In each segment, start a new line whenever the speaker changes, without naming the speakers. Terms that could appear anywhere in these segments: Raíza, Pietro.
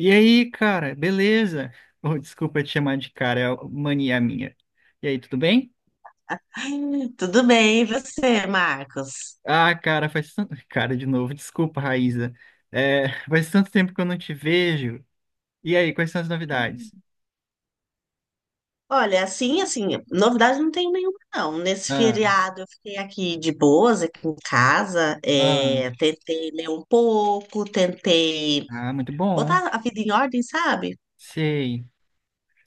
E aí, cara, beleza? Oh, desculpa te chamar de cara, é mania minha. E aí, tudo bem?
Tudo bem, e você, Marcos?
Ah, cara, faz tanto... Cara, de novo, desculpa, Raíza. É, faz tanto tempo que eu não te vejo. E aí, quais são as novidades?
Olha, assim, novidade não tenho nenhuma, não. Nesse
Ah,
feriado eu fiquei aqui de boas, aqui em casa,
ah,
tentei ler um pouco, tentei
ah, muito bom.
botar a vida em ordem, sabe?
Sei.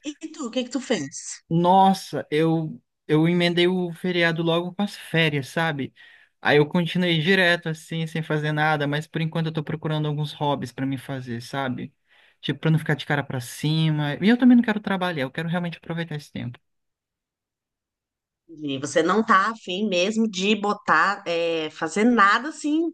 E tu, o que que tu fez?
Nossa, eu emendei o feriado logo com as férias, sabe? Aí eu continuei direto assim, sem fazer nada, mas por enquanto eu tô procurando alguns hobbies pra me fazer, sabe? Tipo, pra não ficar de cara pra cima. E eu também não quero trabalhar, eu quero realmente aproveitar esse tempo.
E você não tá afim mesmo de botar, fazer nada assim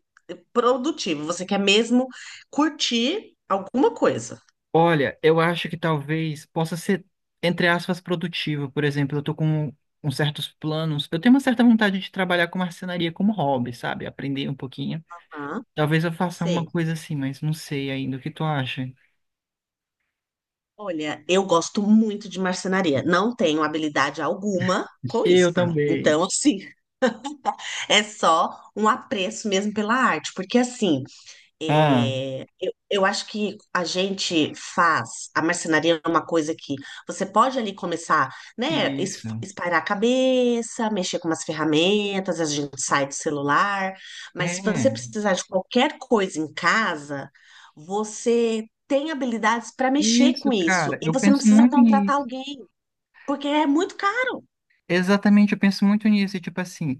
produtivo, você quer mesmo curtir alguma coisa.
Olha, eu acho que talvez possa ser, entre aspas, produtivo. Por exemplo, eu tô com uns certos planos. Eu tenho uma certa vontade de trabalhar com marcenaria como hobby, sabe? Aprender um pouquinho.
Ah,
Talvez eu faça alguma
sei.
coisa assim, mas não sei ainda. O que tu acha?
Olha, eu gosto muito de marcenaria. Não tenho habilidade alguma com isso,
Eu
tá?
também.
Então, assim, é só um apreço mesmo pela arte, porque assim,
Ah, é.
eu acho que a gente faz a marcenaria é uma coisa que você pode ali começar, né,
Isso.
espairar a cabeça, mexer com umas ferramentas, a gente sai do celular, mas se você
É,
precisar de qualquer coisa em casa, você tem habilidades para mexer
isso,
com isso
cara.
e
Eu
você não
penso
precisa
muito
contratar
nisso.
alguém, porque é muito caro.
Exatamente, eu penso muito nisso. E, tipo assim,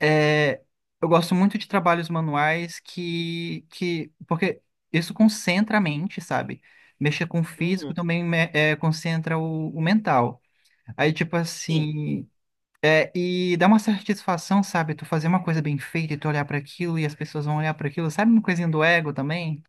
é, eu gosto muito de trabalhos manuais que. Porque isso concentra a mente, sabe? Mexer com o físico
Uhum,
também concentra o mental. Aí, tipo
sim.
assim. É, e dá uma satisfação, sabe? Tu fazer uma coisa bem feita e tu olhar para aquilo e as pessoas vão olhar para aquilo, sabe? Uma coisinha do ego também.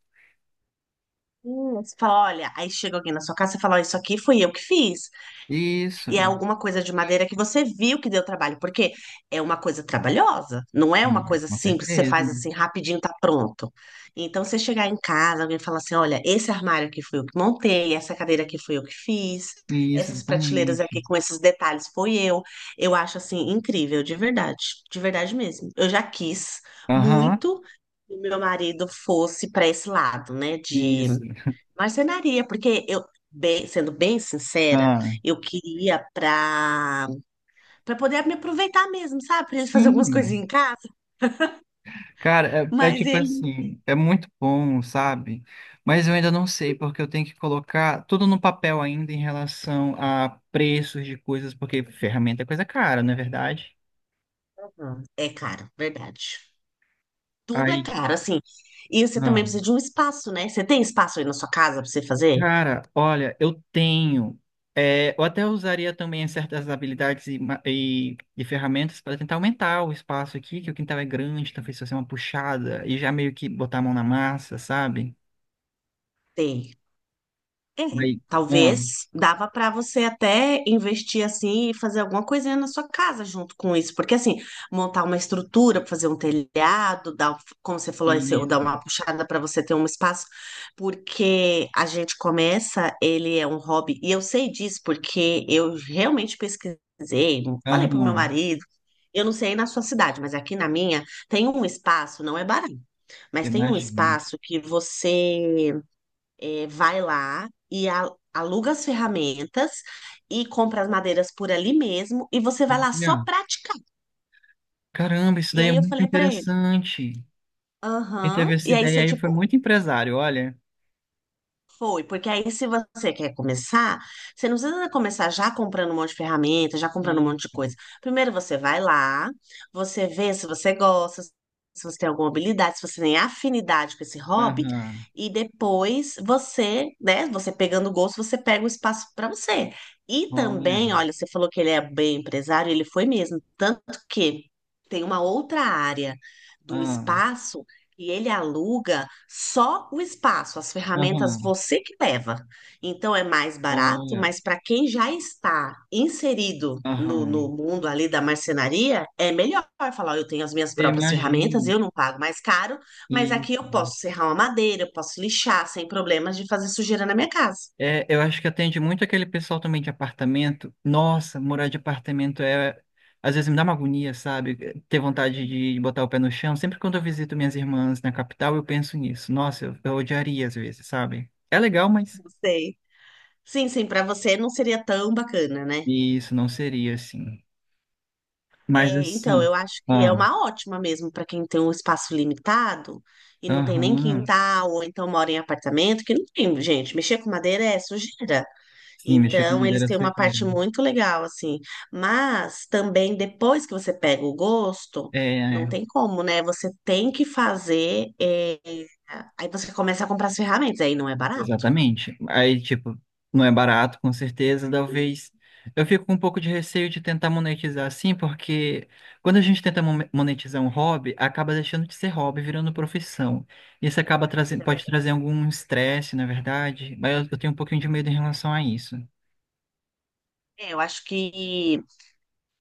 Você fala, olha, aí chega alguém na sua casa e fala, ó, isso aqui fui eu que fiz.
Isso.
E é alguma coisa de madeira que você viu que deu trabalho, porque é uma coisa trabalhosa, não é uma
Ah,
coisa
com
simples que você
certeza.
faz assim rapidinho, tá pronto. Então, você chegar em casa, alguém falar assim: olha, esse armário aqui foi eu que montei, essa cadeira aqui foi eu que fiz,
Isso,
essas prateleiras aqui
exatamente.
com esses detalhes foi eu. Eu acho assim incrível, de verdade mesmo. Eu já quis
Aham,
muito que o meu marido fosse para esse lado, né, de
isso.
marcenaria, porque eu, sendo bem sincera,
Ah,
eu queria para poder me aproveitar mesmo, sabe? Pra gente fazer algumas
sim.
coisinhas em casa,
Cara, é
mas
tipo
ele
assim, é muito bom, sabe? Mas eu ainda não sei, porque eu tenho que colocar tudo no papel ainda em relação a preços de coisas, porque ferramenta é coisa cara, não é verdade?
é caro, verdade. Tudo é
Aí,
caro, assim. E você também
ah.
precisa de um espaço, né? Você tem espaço aí na sua casa para você fazer?
Cara, olha, eu tenho. Eu até usaria também certas habilidades e ferramentas para tentar aumentar o espaço aqui, que o quintal é grande, talvez fazer uma puxada e já meio que botar a mão na massa, sabe?
Tem. É,
Aí, ah,
talvez dava para você até investir assim e fazer alguma coisinha na sua casa junto com isso, porque assim, montar uma estrutura, fazer um telhado, dar, um, como você falou, ou dar
isso.
uma puxada para você ter um espaço, porque a gente começa, ele é um hobby, e eu sei disso porque eu realmente pesquisei, falei pro meu
Aham,
marido, eu não sei aí na sua cidade, mas aqui na minha tem um espaço, não é barato, mas tem um
imagino.
espaço que você vai lá e aluga as ferramentas e compra as madeiras por ali mesmo e você vai lá só
Olha,
praticar.
caramba, isso
E
daí é
aí eu
muito
falei pra ele,
interessante. Quem teve
aham.
essa
E aí
ideia
você,
aí foi
tipo,
muito empresário, olha.
foi, porque aí se você quer começar, você não precisa começar já comprando um monte de ferramenta, já comprando um
E,
monte de coisa. Primeiro você vai lá, você vê se você gosta, se você tem alguma habilidade, se você tem afinidade com esse hobby,
aham,
e depois você, né, você pegando o gosto, você pega o espaço para você. E
olha,
também, olha, você falou que ele é bem empresário, ele foi mesmo, tanto que tem uma outra área do
ah,
espaço e ele aluga só o espaço, as ferramentas
aham,
você que leva. Então é mais barato,
olha,
mas para quem já está inserido no
aham.
mundo ali da marcenaria, é melhor falar: "Ó, eu tenho as minhas
Eu
próprias ferramentas,
imagino.
eu não pago mais caro, mas
E
aqui eu posso serrar uma madeira, eu posso lixar sem problemas de fazer sujeira na minha casa."
é, eu acho que atende muito aquele pessoal também de apartamento. Nossa, morar de apartamento é. Às vezes me dá uma agonia, sabe? Ter vontade de botar o pé no chão. Sempre quando eu visito minhas irmãs na capital, eu penso nisso. Nossa, eu odiaria às vezes, sabe? É legal, mas
Não sei. Sim, sim, para você não seria tão bacana, né?
isso não seria assim. Mas
É, então,
assim.
eu acho que é
Ah,
uma ótima mesmo para quem tem um espaço limitado e não tem nem
aham.
quintal, ou então mora em apartamento, que não tem, gente. Mexer com madeira é sujeira.
Sim, mexer com
Então,
madeira
eles
é
têm uma
sujeira,
parte
né?
muito legal, assim. Mas também, depois que você pega o gosto,
É,
não
é.
tem como, né? Você tem que fazer. Aí você começa a comprar as ferramentas, aí não é barato.
Exatamente. Aí, tipo, não é barato, com certeza. Talvez eu fico com um pouco de receio de tentar monetizar assim, porque quando a gente tenta monetizar um hobby, acaba deixando de ser hobby, virando profissão. Isso acaba
Isso
trazendo,
é
pode
verdade.
trazer algum estresse, na verdade, mas eu tenho um pouquinho de medo em relação a isso.
É, eu acho que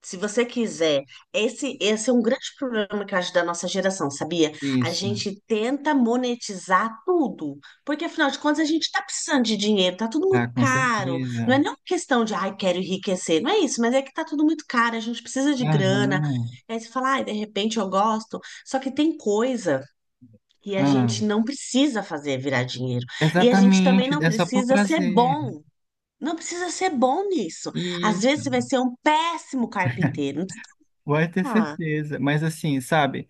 se você quiser, esse é um grande problema que eu acho da nossa geração, sabia? A
Isso,
gente tenta monetizar tudo, porque afinal de contas a gente tá precisando de dinheiro, tá tudo
tá,
muito
com
caro. Não é
certeza.
nem uma questão de, ai, quero enriquecer, não é isso, mas é que tá tudo muito caro, a gente precisa de grana.
Aham.
Aí você fala, ai, de repente eu gosto, só que tem coisa que a
Ah,
gente não precisa fazer virar dinheiro, e a gente também
exatamente,
não
é só por
precisa ser
prazer.
bom. Não precisa ser bom nisso. Às
Isso.
vezes você vai ser um péssimo carpinteiro.
Pode ter
Ah,
certeza. Mas assim, sabe?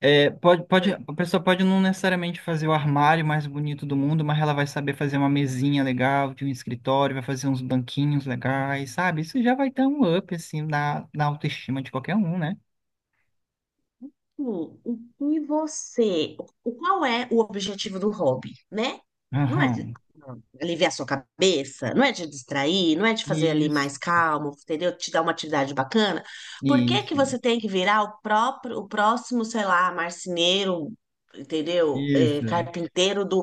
É, pode,
hum.
a pessoa pode não necessariamente fazer o armário mais bonito do mundo, mas ela vai saber fazer uma mesinha legal de um escritório, vai fazer uns banquinhos legais, sabe? Isso já vai dar um up, assim, na autoestima de qualquer um, né?
Sim, que você, o qual é o objetivo do hobby, né? Não é de
Aham.
aliviar sua cabeça, não é de distrair, não é de fazer ali
Isso,
mais calmo, entendeu? Te dar uma atividade bacana. Por que que
isso,
você tem que virar o próximo, sei lá, marceneiro, entendeu? É,
isso.
carpinteiro do,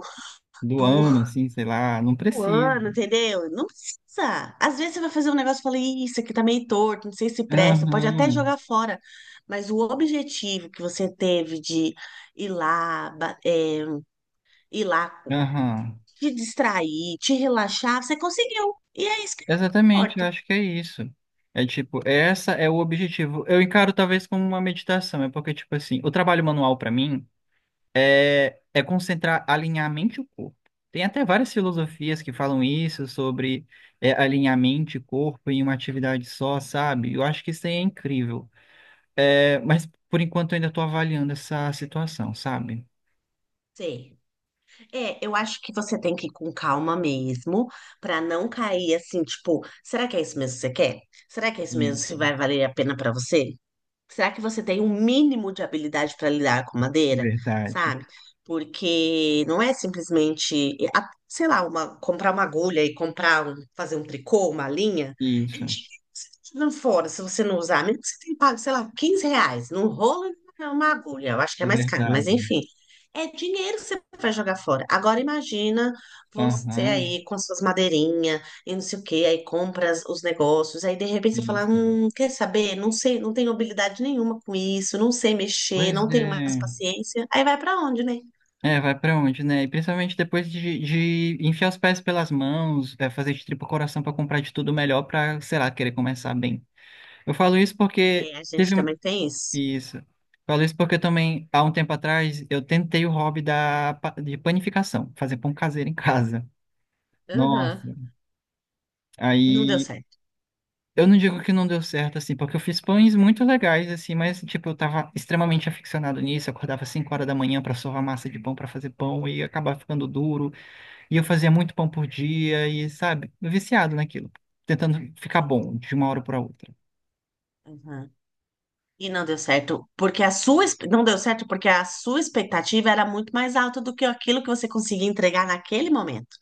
Do
do
ano, assim, sei lá, não
um
precisa.
ano, entendeu? Não precisa. Às vezes você vai fazer um negócio e fala, "Ih, isso aqui tá meio torto, não sei se presta, pode até
Aham,
jogar fora." Mas o objetivo que você teve de ir lá, ba- é, ir lá,
aham.
te distrair, te relaxar, você conseguiu. E é isso que
Exatamente, eu
importa.
acho que é isso. É tipo, essa é o objetivo. Eu encaro talvez como uma meditação, é porque, tipo assim, o trabalho manual pra mim. É concentrar, alinhar a mente e o corpo. Tem até várias filosofias que falam isso, sobre alinhar mente e corpo em uma atividade só, sabe? Eu acho que isso aí é incrível. É, mas, por enquanto, eu ainda estou avaliando essa situação, sabe?
Sei. É, eu acho que você tem que ir com calma mesmo, pra não cair assim, tipo, será que é isso mesmo que você quer? Será que é isso mesmo que
Isso,
vai valer a pena pra você? Será que você tem um mínimo de habilidade para lidar com madeira?
verdade.
Sabe? Porque não é simplesmente, sei lá, comprar uma agulha e fazer um tricô, uma linha. É
Isso,
dinheiro
é
que você tá jogando fora se você não usar. Mesmo que você tenha pago, sei lá, R$ 15 num rolo e uma agulha. Eu acho que é mais caro, mas
verdade.
enfim. É dinheiro que você vai jogar fora. Agora imagina você
Aham,
aí com suas madeirinhas e não sei o quê, aí compra os negócios, aí de repente você fala,
isso.
quer saber? Não sei, não tenho habilidade nenhuma com isso, não sei mexer,
Pois
não tenho mais
é.
paciência. Aí vai pra onde, né?
É, vai pra onde, né? E principalmente depois de enfiar os pés pelas mãos, fazer de tripa coração pra comprar de tudo melhor pra, sei lá, querer começar bem. Eu falo isso porque
É, a gente
teve
também tem isso.
isso. Falo isso porque também, há um tempo atrás, eu tentei o hobby de panificação, fazer pão caseiro em casa.
Aham.
Nossa.
Não deu
Aí,
certo.
eu não digo que não deu certo, assim, porque eu fiz pães muito legais, assim, mas, tipo, eu tava extremamente aficionado nisso. Eu acordava 5 horas da manhã pra sovar massa de pão, pra fazer pão, e acabava ficando duro. E eu fazia muito pão por dia, e, sabe, viciado naquilo, tentando ficar
Sim.
bom de uma hora pra outra.
Uhum. E não deu certo porque a sua exp- não deu certo porque a sua expectativa era muito mais alta do que aquilo que você conseguia entregar naquele momento.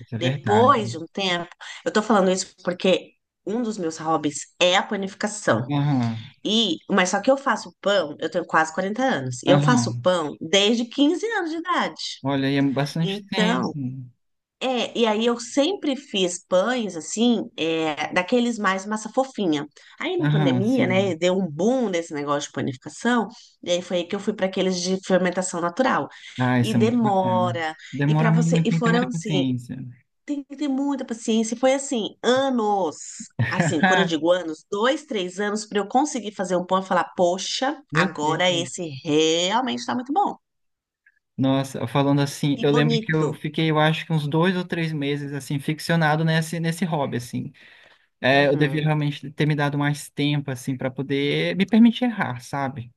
Isso é
Depois de
verdade.
um tempo, eu tô falando isso porque um dos meus hobbies é a panificação.
Aham,
E, mas só que eu faço pão, eu tenho quase 40 anos, e eu faço
aham.
pão desde 15 anos de idade.
Olha, aí é bastante
Então,
tempo.
e aí eu sempre fiz pães, assim, daqueles mais massa fofinha. Aí na
Aham,
pandemia, né,
sim.
deu um boom nesse negócio de panificação, e aí foi aí que eu fui para aqueles de fermentação natural.
Ah,
E
isso é muito bacana.
demora, e para
Demora
você,
muito,
e
tem que ter muita
foram assim,
paciência.
tem que ter muita paciência. E foi assim, anos. Assim, quando eu digo anos, dois, três anos para eu conseguir fazer um pão e falar, poxa,
Meu
agora esse
Deus.
realmente está muito bom
Nossa, falando assim,
e
eu lembro que
bonito.
eu fiquei, eu acho que uns 2 ou 3 meses, assim, ficcionado nesse hobby, assim. É, eu devia
Uhum.
realmente ter me dado mais tempo, assim, para poder me permitir errar, sabe?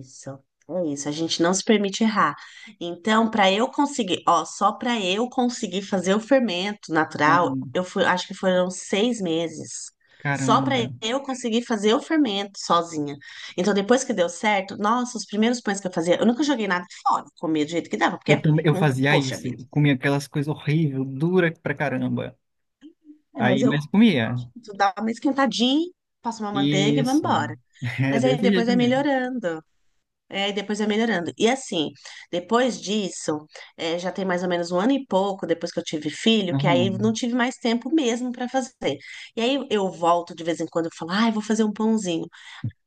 Isso, é isso. A gente não se permite errar. Então, para eu conseguir, ó, só para eu conseguir fazer o fermento natural,
Hum,
eu fui, acho que foram 6 meses. Só para
caramba.
eu conseguir fazer o fermento sozinha. Então, depois que deu certo, nossa, os primeiros pães que eu fazia, eu nunca joguei nada fora, comia do jeito que dava, porque,
Também eu fazia
poxa vida.
isso, comia aquelas coisas horríveis, dura pra caramba.
É, mas
Aí,
eu
mas comia.
dava uma esquentadinha, passo uma manteiga e vamos
Isso.
embora.
É
Mas aí
desse
depois
jeito
vai
mesmo.
melhorando. É, e depois vai melhorando. E assim, depois disso, já tem mais ou menos um ano e pouco depois que eu tive filho, que aí eu não
Aham.
tive mais tempo mesmo para fazer. E aí eu volto de vez em quando e falo, ai, vou fazer um pãozinho.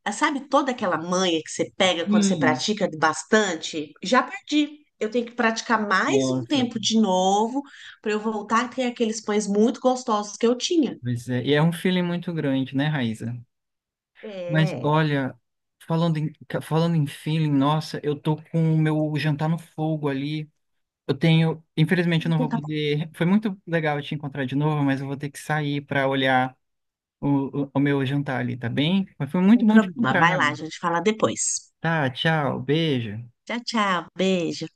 Ah, sabe toda aquela manha que você pega quando você
Hum,
pratica bastante? Já perdi. Eu tenho que praticar mais um
nossa,
tempo de novo para eu voltar a ter aqueles pães muito gostosos que eu tinha.
pois é. E é um feeling muito grande, né, Raíza? Mas
É.
olha, falando em feeling, nossa, eu tô com o meu jantar no fogo ali. Eu tenho, infelizmente eu não
Então
vou
tá bom,
poder. Foi muito legal te encontrar de novo, mas eu vou ter que sair para olhar o meu jantar ali, tá bem? Mas foi
não tem
muito bom te
problema. Vai
encontrar.
lá, a gente fala depois.
Tá, tchau, beijo.
Tchau, tchau. Beijo.